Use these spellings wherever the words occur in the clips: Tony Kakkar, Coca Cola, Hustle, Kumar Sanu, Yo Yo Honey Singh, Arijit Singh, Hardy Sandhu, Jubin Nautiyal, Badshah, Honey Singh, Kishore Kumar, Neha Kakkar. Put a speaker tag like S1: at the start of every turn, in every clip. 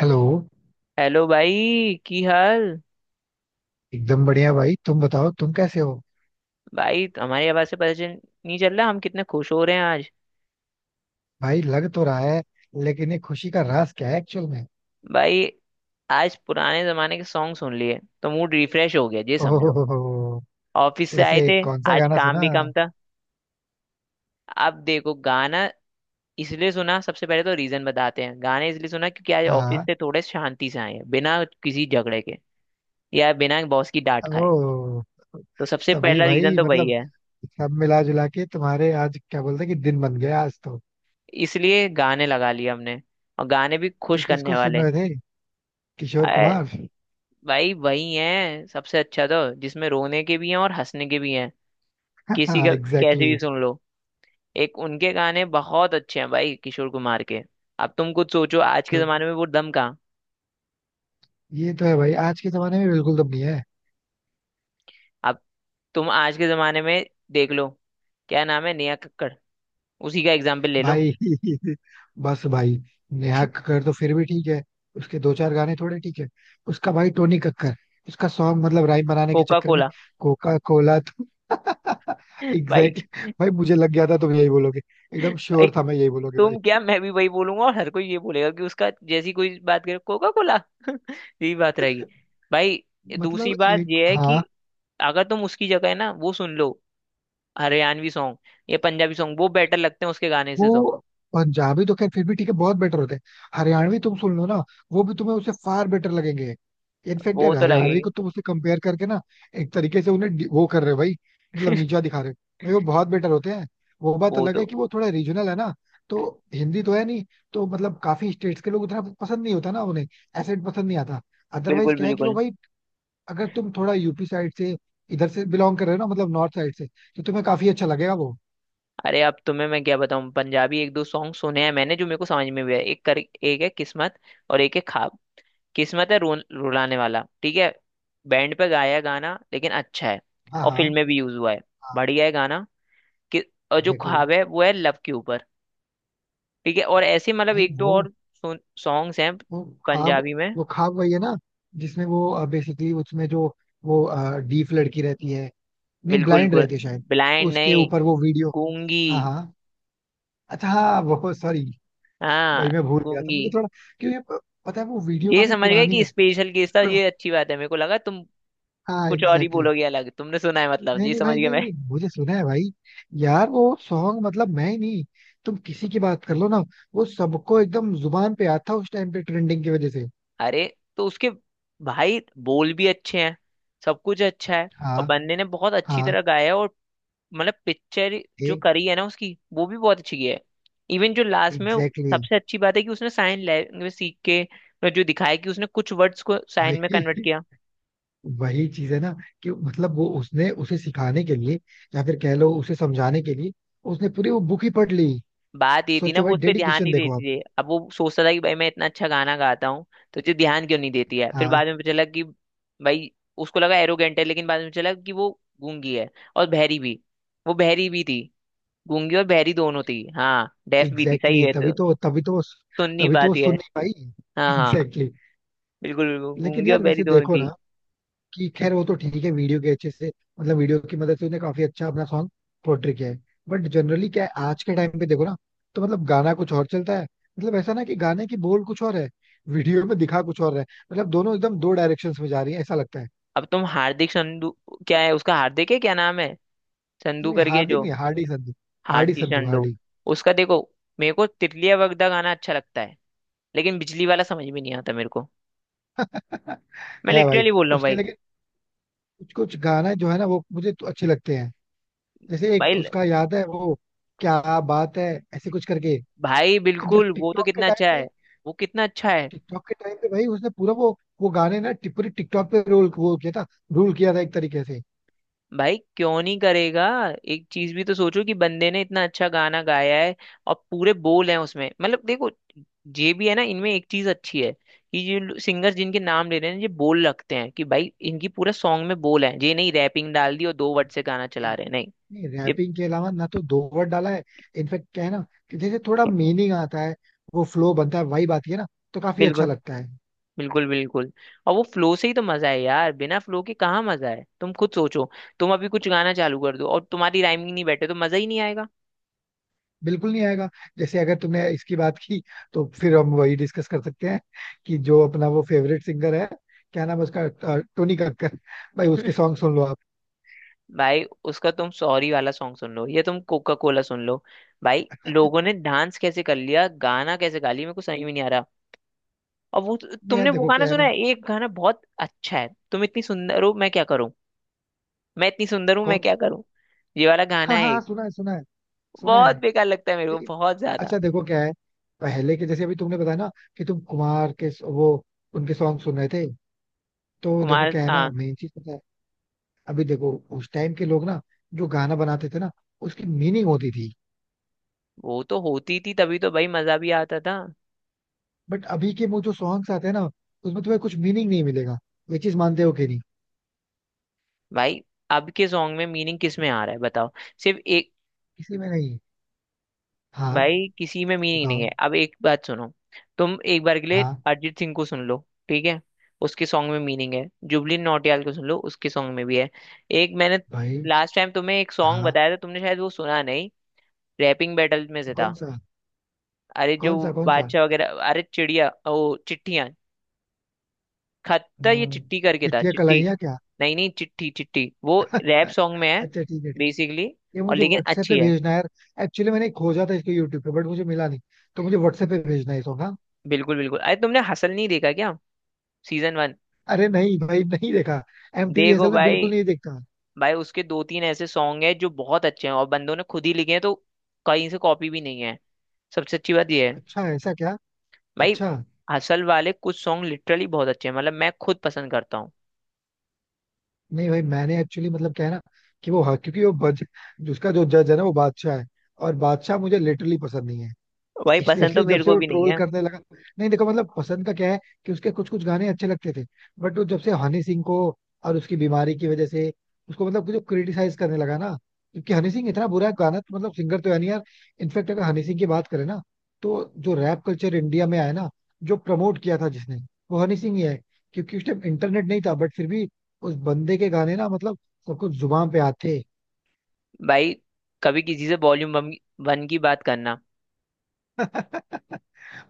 S1: Hello.
S2: Hello भाई। की हाल?
S1: एकदम बढ़िया भाई, तुम बताओ तुम कैसे हो?
S2: भाई हमारी आवाज से पता चल नहीं चल रहा हम कितने खुश हो रहे हैं आज।
S1: भाई लग तो रहा है, लेकिन ये खुशी का राज क्या है एक्चुअल में?
S2: भाई आज पुराने जमाने के सॉन्ग सुन लिए तो मूड रिफ्रेश हो गया ये समझो।
S1: ओहो,
S2: ऑफिस से आए
S1: वैसे
S2: थे,
S1: कौन सा
S2: आज
S1: गाना
S2: काम
S1: सुना?
S2: भी कम था। अब देखो गाना इसलिए सुना, सबसे पहले तो रीजन बताते हैं, गाने इसलिए सुना क्योंकि आज ऑफिस
S1: हाँ.
S2: से थोड़े शांति से आए हैं बिना किसी झगड़े के। या बिना बॉस की डांट खाए।
S1: ओ.
S2: तो सबसे
S1: तभी
S2: पहला रीजन
S1: भाई.
S2: तो वही है।
S1: सब मिला जुला के तुम्हारे आज क्या बोलते हैं कि दिन बन गया आज तो.
S2: इसलिए गाने लगा लिए हमने, और गाने भी
S1: तुम
S2: खुश करने
S1: किसको सुन
S2: वाले।
S1: रहे थे? किशोर कुमार
S2: भाई वही है सबसे अच्छा तो, जिसमें रोने के भी हैं और हंसने के भी हैं किसी
S1: हाँ
S2: का।
S1: एग्जैक्टली
S2: कैसे भी
S1: exactly.
S2: सुन लो, एक उनके गाने बहुत अच्छे हैं भाई किशोर कुमार के। अब तुम कुछ सोचो आज के
S1: तो
S2: जमाने में वो दम कहाँ।
S1: ये तो है भाई, आज के जमाने में बिल्कुल दम नहीं है
S2: अब तुम आज के जमाने में देख लो, क्या नाम है, नेहा कक्कड़, उसी का एग्जाम्पल ले लो।
S1: भाई. बस भाई, नेहा कक्कड़ तो फिर भी ठीक है. उसके दो चार गाने थोड़े ठीक है. उसका भाई टोनी कक्कर, उसका सॉन्ग राइम बनाने के
S2: कोका
S1: चक्कर में
S2: कोला
S1: कोका कोला तो
S2: भाई,
S1: एग्जैक्टली. भाई मुझे लग गया था तुम यही बोलोगे, एकदम
S2: भाई
S1: श्योर था मैं यही बोलोगे भाई.
S2: तुम क्या मैं भी वही बोलूंगा और हर कोई ये बोलेगा कि उसका जैसी कोई बात करे कोका कोला यही बात रहेगी। भाई दूसरी बात
S1: एक
S2: ये है कि
S1: हाँ.
S2: अगर तुम उसकी जगह है ना वो सुन लो हरियाणवी सॉन्ग या पंजाबी सॉन्ग, वो बेटर लगते हैं उसके गाने से तो।
S1: वो पंजाबी तो खैर फिर भी ठीक है, बहुत बेटर होते हैं. हरियाणवी तुम सुन लो ना, वो भी तुम्हें उससे फार बेटर लगेंगे. इनफैक्ट
S2: वो
S1: यार
S2: तो
S1: हरियाणवी
S2: लगेंगे।
S1: को तुम उससे कंपेयर करके ना, एक तरीके से उन्हें वो कर रहे हो भाई, नीचा दिखा रहे हो. भाई वो बहुत बेटर होते हैं. वो बात
S2: वो
S1: अलग है
S2: तो
S1: कि वो थोड़ा रीजनल है ना, तो हिंदी तो है नहीं. तो काफी स्टेट्स के लोग उतना पसंद नहीं होता ना उन्हें, एसेंट पसंद नहीं आता. अदरवाइज
S2: बिल्कुल
S1: क्या है कि वो
S2: बिल्कुल।
S1: भाई, अगर तुम थोड़ा यूपी साइड से, इधर से बिलोंग कर रहे हो ना, नॉर्थ साइड से, तो तुम्हें काफी अच्छा लगेगा वो.
S2: अरे अब तुम्हें मैं क्या बताऊं, पंजाबी एक दो सॉन्ग सुने हैं मैंने जो मेरे को समझ में भी है। एक कर एक है किस्मत और एक है ख्वाब। किस्मत है रो, रुलाने वाला, ठीक है, बैंड पे गाया है गाना लेकिन अच्छा है।
S1: हाँ
S2: और फिल्म
S1: हाँ.
S2: में भी यूज हुआ है।
S1: हाँ
S2: बढ़िया है गाना। कि और जो
S1: एग्जैक्टली.
S2: ख्वाब है वो है लव के ऊपर। ठीक है। और ऐसे मतलब
S1: भाई
S2: एक दो
S1: वो
S2: और सॉन्ग्स हैं
S1: वो ख्वाब
S2: पंजाबी में।
S1: वो ख्वाब वही है ना, जिसमें वो बेसिकली, उसमें जो, वो, डीफ लड़की रहती है, नहीं
S2: बिल्कुल,
S1: ब्लाइंड रहती है शायद,
S2: ब्लाइंड
S1: उसके
S2: नहीं,
S1: ऊपर वो वीडियो.
S2: गूंगी।
S1: हाँ हाँ, अच्छा हाँ वो सॉरी.
S2: हाँ
S1: भाई मैं भूल गया था,
S2: गूंगी।
S1: मुझे थोड़ा, क्योंकि पता है वो वीडियो
S2: ये
S1: काफी
S2: समझ गए
S1: पुरानी
S2: कि
S1: है,
S2: स्पेशल केस था
S1: थोड़ा.
S2: ये, अच्छी बात है, मेरे को लगा तुम
S1: हाँ
S2: कुछ और ही
S1: एग्जैक्टली exactly.
S2: बोलोगे अलग, तुमने सुना है मतलब,
S1: नहीं
S2: ये
S1: नहीं
S2: समझ
S1: भाई,
S2: गया
S1: नहीं
S2: मैं।
S1: नहीं, मुझे सुना है भाई. यार वो सॉन्ग मैं ही नहीं, तुम किसी की बात कर लो ना, वो सबको एकदम जुबान पे आता था उस टाइम पे ट्रेंडिंग की वजह से.
S2: अरे तो उसके भाई बोल भी अच्छे हैं, सब कुछ अच्छा है, और
S1: हाँ
S2: बंदे ने बहुत अच्छी
S1: हाँ.
S2: तरह गाया है। और मतलब पिक्चर जो
S1: एक.
S2: करी है ना उसकी, वो भी बहुत अच्छी की है। इवन जो लास्ट में
S1: एग्जैक्टली.
S2: सबसे अच्छी बात है कि उसने साइन लैंग्वेज सीख के जो दिखाया, कि उसने कुछ वर्ड्स को साइन
S1: भाई
S2: में कन्वर्ट किया।
S1: वही चीज है ना, कि वो उसने उसे सिखाने के लिए, या फिर कह लो उसे समझाने के लिए, उसने पूरी वो बुक ही पढ़ ली.
S2: बात ये थी ना
S1: सोचो
S2: वो
S1: भाई,
S2: उस पर ध्यान
S1: डेडिकेशन
S2: नहीं
S1: देखो
S2: देती
S1: आप.
S2: थी, अब वो सोचता था कि भाई मैं इतना अच्छा गाना गाता हूँ, तो मुझे ध्यान क्यों नहीं देती है। फिर
S1: हाँ
S2: बाद में पता चला कि भाई उसको लगा एरोगेंट है, लेकिन बाद में चला कि वो गूंगी है और बहरी भी। वो बहरी भी थी, गूंगी और बहरी दोनों थी। हाँ डेफ भी थी,
S1: एग्जैक्टली
S2: सही है
S1: exactly, तभी
S2: तो,
S1: तो तभी तो.
S2: सुननी
S1: तभी तो वो
S2: बात यह
S1: सुन
S2: है।
S1: नहीं पाई.
S2: हाँ हाँ।
S1: एग्जैक्टली
S2: बिल्कुल बिल्कुल,
S1: exactly. लेकिन
S2: गूंगी और
S1: यार
S2: बहरी
S1: वैसे
S2: दोनों
S1: देखो ना,
S2: थी।
S1: कि खैर वो तो ठीक है, वीडियो के अच्छे से, वीडियो की मदद से उन्हें काफी अच्छा अपना सॉन्ग पोर्ट्रे किया है. बट जनरली क्या है, आज के टाइम पे देखो ना, तो गाना कुछ और चलता है. ऐसा ना कि गाने की बोल कुछ और है, वीडियो में दिखा कुछ और है. दोनों एकदम दो डायरेक्शंस में जा रही है ऐसा लगता है.
S2: अब तुम हार्दिक संधू, क्या है उसका, हार्दिक है, क्या नाम है, संधू
S1: नहीं
S2: करके
S1: हार्दिक
S2: जो।
S1: नहीं, हार्डी संधू. हार्डी
S2: हार्दिक
S1: संधू,
S2: संधू,
S1: हार्डी.
S2: उसका देखो, मेरे को तितलिया वगदा गाना अच्छा लगता है, लेकिन बिजली वाला समझ में नहीं आता मेरे को। मैं
S1: है भाई.
S2: लिटरली बोल रहा हूँ
S1: उसके
S2: भाई।
S1: लेकिन कुछ कुछ गाना जो है ना वो मुझे तो अच्छे लगते हैं. जैसे एक
S2: भाई,
S1: उसका याद है वो, क्या बात है, ऐसे कुछ करके.
S2: भाई बिल्कुल
S1: इनफेक्ट
S2: वो तो
S1: टिकटॉक के
S2: कितना
S1: टाइम
S2: अच्छा
S1: पे,
S2: है, वो कितना अच्छा है।
S1: टिकटॉक के टाइम पे भाई उसने पूरा वो गाने ना पूरी टिकटॉक पे रोल वो किया था, रूल किया था एक तरीके से.
S2: भाई क्यों नहीं करेगा, एक चीज भी तो सोचो कि बंदे ने इतना अच्छा गाना गाया है और पूरे बोल हैं उसमें, मतलब देखो, ये भी है ना इनमें एक चीज अच्छी है कि ये सिंगर्स जिनके नाम ले रहे हैं ये बोल रखते हैं, कि भाई इनकी पूरा सॉन्ग में बोल है, ये नहीं रैपिंग डाल दी और दो वर्ड से गाना चला
S1: नहीं,
S2: रहे हैं, नहीं।
S1: नहीं
S2: ये
S1: रैपिंग के अलावा ना तो दो वर्ड डाला है. इनफेक्ट क्या है ना, कि जैसे थोड़ा मीनिंग आता है, वो फ्लो बनता है, वाइब आती है ना, तो काफी अच्छा
S2: बिल्कुल,
S1: लगता है.
S2: बिल्कुल बिल्कुल। और वो फ्लो से ही तो मजा है यार, बिना फ्लो के कहाँ मजा है, तुम खुद सोचो। तुम अभी कुछ गाना चालू कर दो और तुम्हारी राइमिंग नहीं बैठे तो मजा ही नहीं आएगा।
S1: बिल्कुल नहीं आएगा. जैसे अगर तुमने इसकी बात की, तो फिर हम वही डिस्कस कर सकते हैं, कि जो अपना वो फेवरेट सिंगर है, क्या नाम है उसका, टोनी कक्कर, भाई उसके सॉन्ग सुन लो आप.
S2: भाई उसका तुम सॉरी वाला सॉन्ग सुन लो या तुम कोका कोला सुन लो, भाई लोगों ने डांस कैसे कर लिया, गाना कैसे गा लिया, मेरे को समझ में नहीं आ रहा। और वो,
S1: नहीं यार,
S2: तुमने वो
S1: देखो
S2: गाना
S1: क्या है
S2: सुना
S1: ना.
S2: है, एक गाना बहुत अच्छा है, तुम इतनी सुंदर हो मैं क्या करूं, मैं इतनी सुंदर हूं मैं
S1: कौन
S2: क्या
S1: सा?
S2: करूं, ये वाला गाना
S1: हाँ
S2: है
S1: हाँ हाँ,
S2: एक।
S1: सुना है सुना है, सुना है.
S2: बहुत बेकार लगता है मेरे को
S1: नहीं,
S2: बहुत ज्यादा।
S1: अच्छा देखो क्या है, पहले के जैसे अभी तुमने बताया ना, कि तुम कुमार के वो, उनके सॉन्ग सुन रहे थे, तो देखो
S2: कुमार
S1: क्या है ना,
S2: हाँ।
S1: मेन चीज पता है, अभी देखो, उस टाइम के लोग ना, जो गाना बनाते थे ना, उसकी मीनिंग होती थी.
S2: वो तो होती थी, तभी तो भाई मजा भी आता था।
S1: बट अभी के वो जो सॉन्ग्स आते हैं ना, उसमें तुम्हें कुछ मीनिंग नहीं मिलेगा. ये चीज मानते हो कि नहीं?
S2: भाई अब के सॉन्ग में मीनिंग किस में आ रहा है बताओ, सिर्फ एक।
S1: किसी में नहीं. हाँ,
S2: भाई किसी में मीनिंग नहीं
S1: बताओ.
S2: है, अब एक बात सुनो, तुम एक बार के लिए
S1: हाँ.
S2: अरिजीत सिंह को सुन लो। ठीक है, उसके सॉन्ग में मीनिंग है, जुबली नौटियाल को सुन लो, उसके सॉन्ग में भी है। एक मैंने
S1: भाई
S2: लास्ट टाइम तुम्हें एक सॉन्ग
S1: हाँ.
S2: बताया था, तुमने शायद वो सुना नहीं, रैपिंग बैटल में से
S1: कौन
S2: था।
S1: सा
S2: अरे जो
S1: कौन सा कौन सा?
S2: बादशाह वगैरह, अरे चिड़िया ओ चिट्ठियां, खत्ता, ये
S1: हम्म,
S2: चिट्टी करके था,
S1: चिट्ठियां
S2: चिट्टी।
S1: कलाइयां क्या?
S2: नहीं नहीं, चिट्ठी चिट्ठी, वो रैप सॉन्ग में है।
S1: अच्छा ठीक है ठीक
S2: बेसिकली
S1: है। ये
S2: और,
S1: मुझे
S2: लेकिन
S1: व्हाट्सएप
S2: अच्छी
S1: पे
S2: है।
S1: भेजना है यार. एक्चुअली मैंने खोजा था इसको यूट्यूब पे बट मुझे मिला नहीं, तो मुझे व्हाट्सएप पे भेजना है ये सॉन्ग. हाँ.
S2: बिल्कुल बिल्कुल, अरे तुमने हसल नहीं देखा क्या, सीजन 1?
S1: अरे नहीं भाई, नहीं देखा. एमटीवी
S2: देखो
S1: असल में
S2: भाई,
S1: बिल्कुल नहीं देखता.
S2: भाई उसके दो तीन ऐसे सॉन्ग है जो बहुत अच्छे हैं और बंदों ने खुद ही लिखे हैं, तो कहीं से कॉपी भी नहीं है, सबसे अच्छी बात यह है।
S1: अच्छा ऐसा क्या?
S2: भाई
S1: अच्छा.
S2: हसल वाले कुछ सॉन्ग लिटरली बहुत अच्छे हैं, मतलब मैं खुद पसंद करता हूँ।
S1: नहीं भाई, मैंने एक्चुअली, क्या है ना, कि वो, हाँ क्योंकि वो बज उसका जो जज है ना, वो बादशाह है, और बादशाह मुझे लिटरली पसंद नहीं है.
S2: भाई पसंद तो
S1: स्पेशली जब
S2: मेरे
S1: से
S2: को
S1: वो
S2: भी नहीं
S1: ट्रोल
S2: है।
S1: करने लगा. नहीं देखो, पसंद का क्या है, कि उसके कुछ कुछ गाने अच्छे लगते थे. बट वो जब से हनी सिंह को, और उसकी बीमारी की वजह से, उसको जो क्रिटिसाइज करने लगा ना, क्योंकि हनी सिंह इतना बुरा गाना तो सिंगर तो है नहीं यार. इनफेक्ट अगर हनी सिंह की बात करें ना, तो जो रैप कल्चर इंडिया में आया ना, जो प्रमोट किया था जिसने, वो हनी सिंह ही है. क्योंकि उस टाइम इंटरनेट नहीं था बट फिर भी, उस बंदे के गाने ना सबको जुबान पे आते.
S2: भाई कभी किसी से वॉल्यूम 1 की बात करना।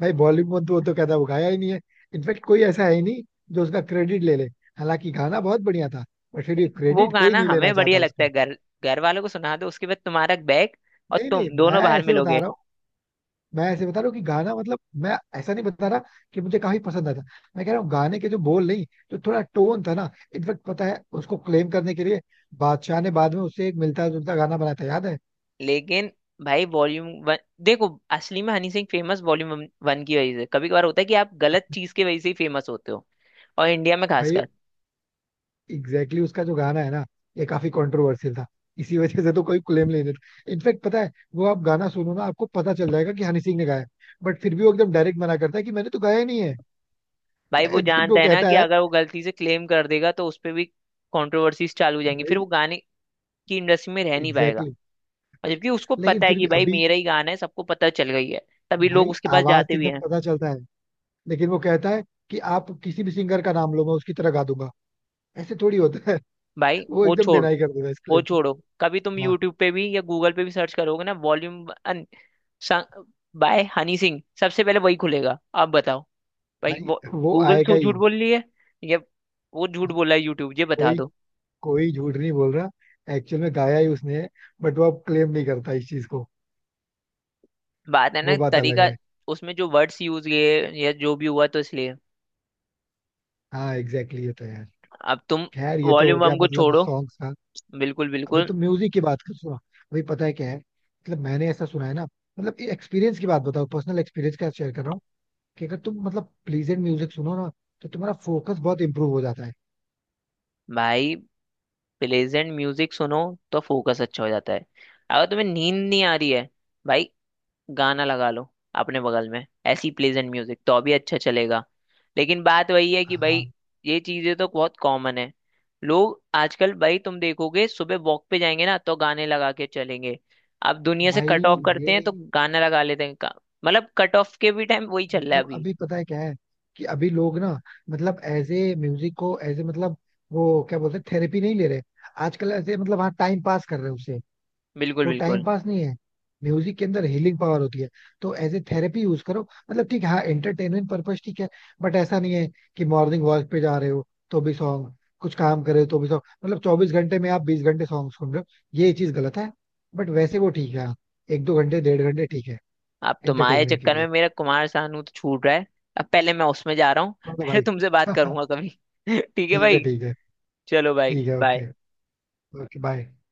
S1: भाई बॉलीवुड, वो तो कहता है वो गाया ही नहीं है. इनफेक्ट कोई ऐसा है ही नहीं जो उसका क्रेडिट ले ले. हालांकि गाना बहुत बढ़िया था, बट फिर भी
S2: वो
S1: क्रेडिट कोई
S2: गाना
S1: नहीं लेना
S2: हमें
S1: चाहता
S2: बढ़िया लगता
S1: उसका.
S2: है, घर, घर वालों को सुना दो उसके बाद तुम्हारा बैग, और
S1: नहीं नहीं,
S2: तुम
S1: मैं
S2: दोनों बाहर
S1: ऐसे बता
S2: मिलोगे।
S1: रहा हूँ, मैं ऐसे बता रहा हूँ कि गाना, मैं ऐसा नहीं बता रहा कि मुझे काफी पसंद आता. मैं कह रहा हूँ गाने के जो बोल नहीं, जो थोड़ा टोन था ना. इनफेक्ट पता है उसको क्लेम करने के लिए बादशाह ने बाद में उससे एक मिलता जुलता गाना बनाया था याद है.
S2: लेकिन भाई वॉल्यूम 1 देखो, असली में हनी सिंह फेमस वॉल्यूम 1 की वजह से, कभी कभार होता है कि आप गलत चीज की वजह से ही फेमस होते हो, और इंडिया में
S1: भाई
S2: खासकर।
S1: एग्जैक्टली exactly, उसका जो गाना है ना, ये काफी कंट्रोवर्शियल था. इसी वजह से तो कोई क्लेम नहीं देता. इनफैक्ट पता है वो आप गाना सुनो ना आपको पता चल जाएगा कि हनी सिंह ने गाया, बट फिर भी वो एकदम डायरेक्ट मना करता है कि मैंने तो गाया ही नहीं है.
S2: भाई वो
S1: इनफैक्ट वो
S2: जानता है ना
S1: कहता
S2: कि
S1: है,
S2: अगर वो गलती से क्लेम कर देगा तो उस पर भी कॉन्ट्रोवर्सीज चालू हो जाएंगी, फिर
S1: भाई
S2: वो गाने की इंडस्ट्री में रह नहीं पाएगा।
S1: Exactly exactly.
S2: और जबकि उसको
S1: लेकिन
S2: पता है
S1: फिर
S2: कि
S1: भी
S2: भाई
S1: अभी,
S2: मेरा ही गाना है, सबको पता चल गई है, तभी लोग
S1: भाई
S2: उसके पास
S1: आवाज
S2: जाते
S1: से
S2: भी
S1: एकदम
S2: हैं।
S1: पता चलता है. लेकिन वो कहता है कि आप किसी भी सिंगर का नाम लो मैं उसकी तरह गा दूंगा, ऐसे थोड़ी होता है.
S2: भाई
S1: वो
S2: वो
S1: एकदम
S2: छोड़,
S1: डिनाई कर देता है इस
S2: वो
S1: क्लेम से.
S2: छोड़ो। कभी तुम
S1: हाँ
S2: यूट्यूब पे भी या गूगल पे भी सर्च करोगे ना, वॉल्यूम बाय हनी सिंह, सबसे पहले वही खुलेगा, आप बताओ। भाई
S1: भाई,
S2: वो,
S1: वो
S2: गूगल
S1: आएगा
S2: सो
S1: ही.
S2: झूठ बोल रही है या वो झूठ बोल रहा है यूट्यूब, ये बता
S1: कोई
S2: दो।
S1: कोई झूठ नहीं बोल रहा, एक्चुअल में गाया ही उसने है. बट वो अब क्लेम नहीं करता इस चीज को,
S2: बात है ना
S1: वो बात अलग
S2: तरीका,
S1: है.
S2: उसमें जो वर्ड्स यूज किए या जो भी हुआ, तो इसलिए।
S1: हाँ एग्जैक्टली exactly, ये तो है यार.
S2: अब तुम
S1: खैर, ये तो हो
S2: वॉल्यूम
S1: गया
S2: हमको छोड़ो।
S1: सॉन्ग्स का.
S2: बिल्कुल
S1: अभी
S2: बिल्कुल।
S1: तो म्यूजिक की बात कर सुना. अभी पता है क्या है, मैंने ऐसा सुना है ना, ये एक्सपीरियंस की बात बताओ, पर्सनल एक्सपीरियंस का शेयर कर रहा हूँ, कि अगर तुम प्लीजेंट म्यूजिक सुनो ना, तो तुम्हारा फोकस बहुत इंप्रूव हो जाता है.
S2: भाई प्लेजेंट म्यूजिक सुनो तो फोकस अच्छा हो जाता है। अगर तुम्हें नींद नहीं आ रही है भाई, गाना लगा लो अपने बगल में, ऐसी प्लेजेंट म्यूजिक तो अभी अच्छा चलेगा। लेकिन बात वही है कि भाई
S1: हाँ.
S2: ये चीजें तो बहुत कॉमन है। लोग आजकल, भाई तुम देखोगे, सुबह वॉक पे जाएंगे ना तो गाने लगा के चलेंगे। अब दुनिया से
S1: भाई
S2: कट ऑफ
S1: ये,
S2: करते हैं तो गाना लगा लेते हैं मतलब कट ऑफ के भी टाइम वही चल रहा है अभी।
S1: अभी पता है क्या है, कि अभी लोग ना, एज ए म्यूजिक को एज ए वो क्या बोलते हैं, थेरेपी नहीं ले रहे. आजकल ऐसे हाँ टाइम पास कर रहे हैं उसे.
S2: बिल्कुल
S1: वो टाइम
S2: बिल्कुल।
S1: पास नहीं है, म्यूजिक के अंदर हीलिंग पावर होती है. तो एज ए थेरेपी यूज करो. ठीक है हाँ, एंटरटेनमेंट पर्पज ठीक है. बट ऐसा नहीं है कि मॉर्निंग वॉक पे जा रहे हो तो भी सॉन्ग, कुछ काम कर रहे हो तो भी सॉन्ग, 24 घंटे में आप 20 घंटे सॉन्ग सुन रहे हो, ये चीज गलत है. बट वैसे वो ठीक है हाँ, एक दो घंटे, 1.5 घंटे ठीक है,
S2: अब तुम्हारे
S1: एंटरटेनमेंट के
S2: चक्कर में
S1: लिए.
S2: मेरा कुमार सानू तो छूट रहा है, अब पहले मैं उसमें जा रहा हूँ।
S1: हाँ तो
S2: फिर
S1: भाई
S2: तुमसे बात करूंगा कभी। ठीक है
S1: ठीक है
S2: भाई,
S1: ठीक है.
S2: चलो भाई,
S1: ठीक है
S2: बाय।
S1: ओके. Okay bye.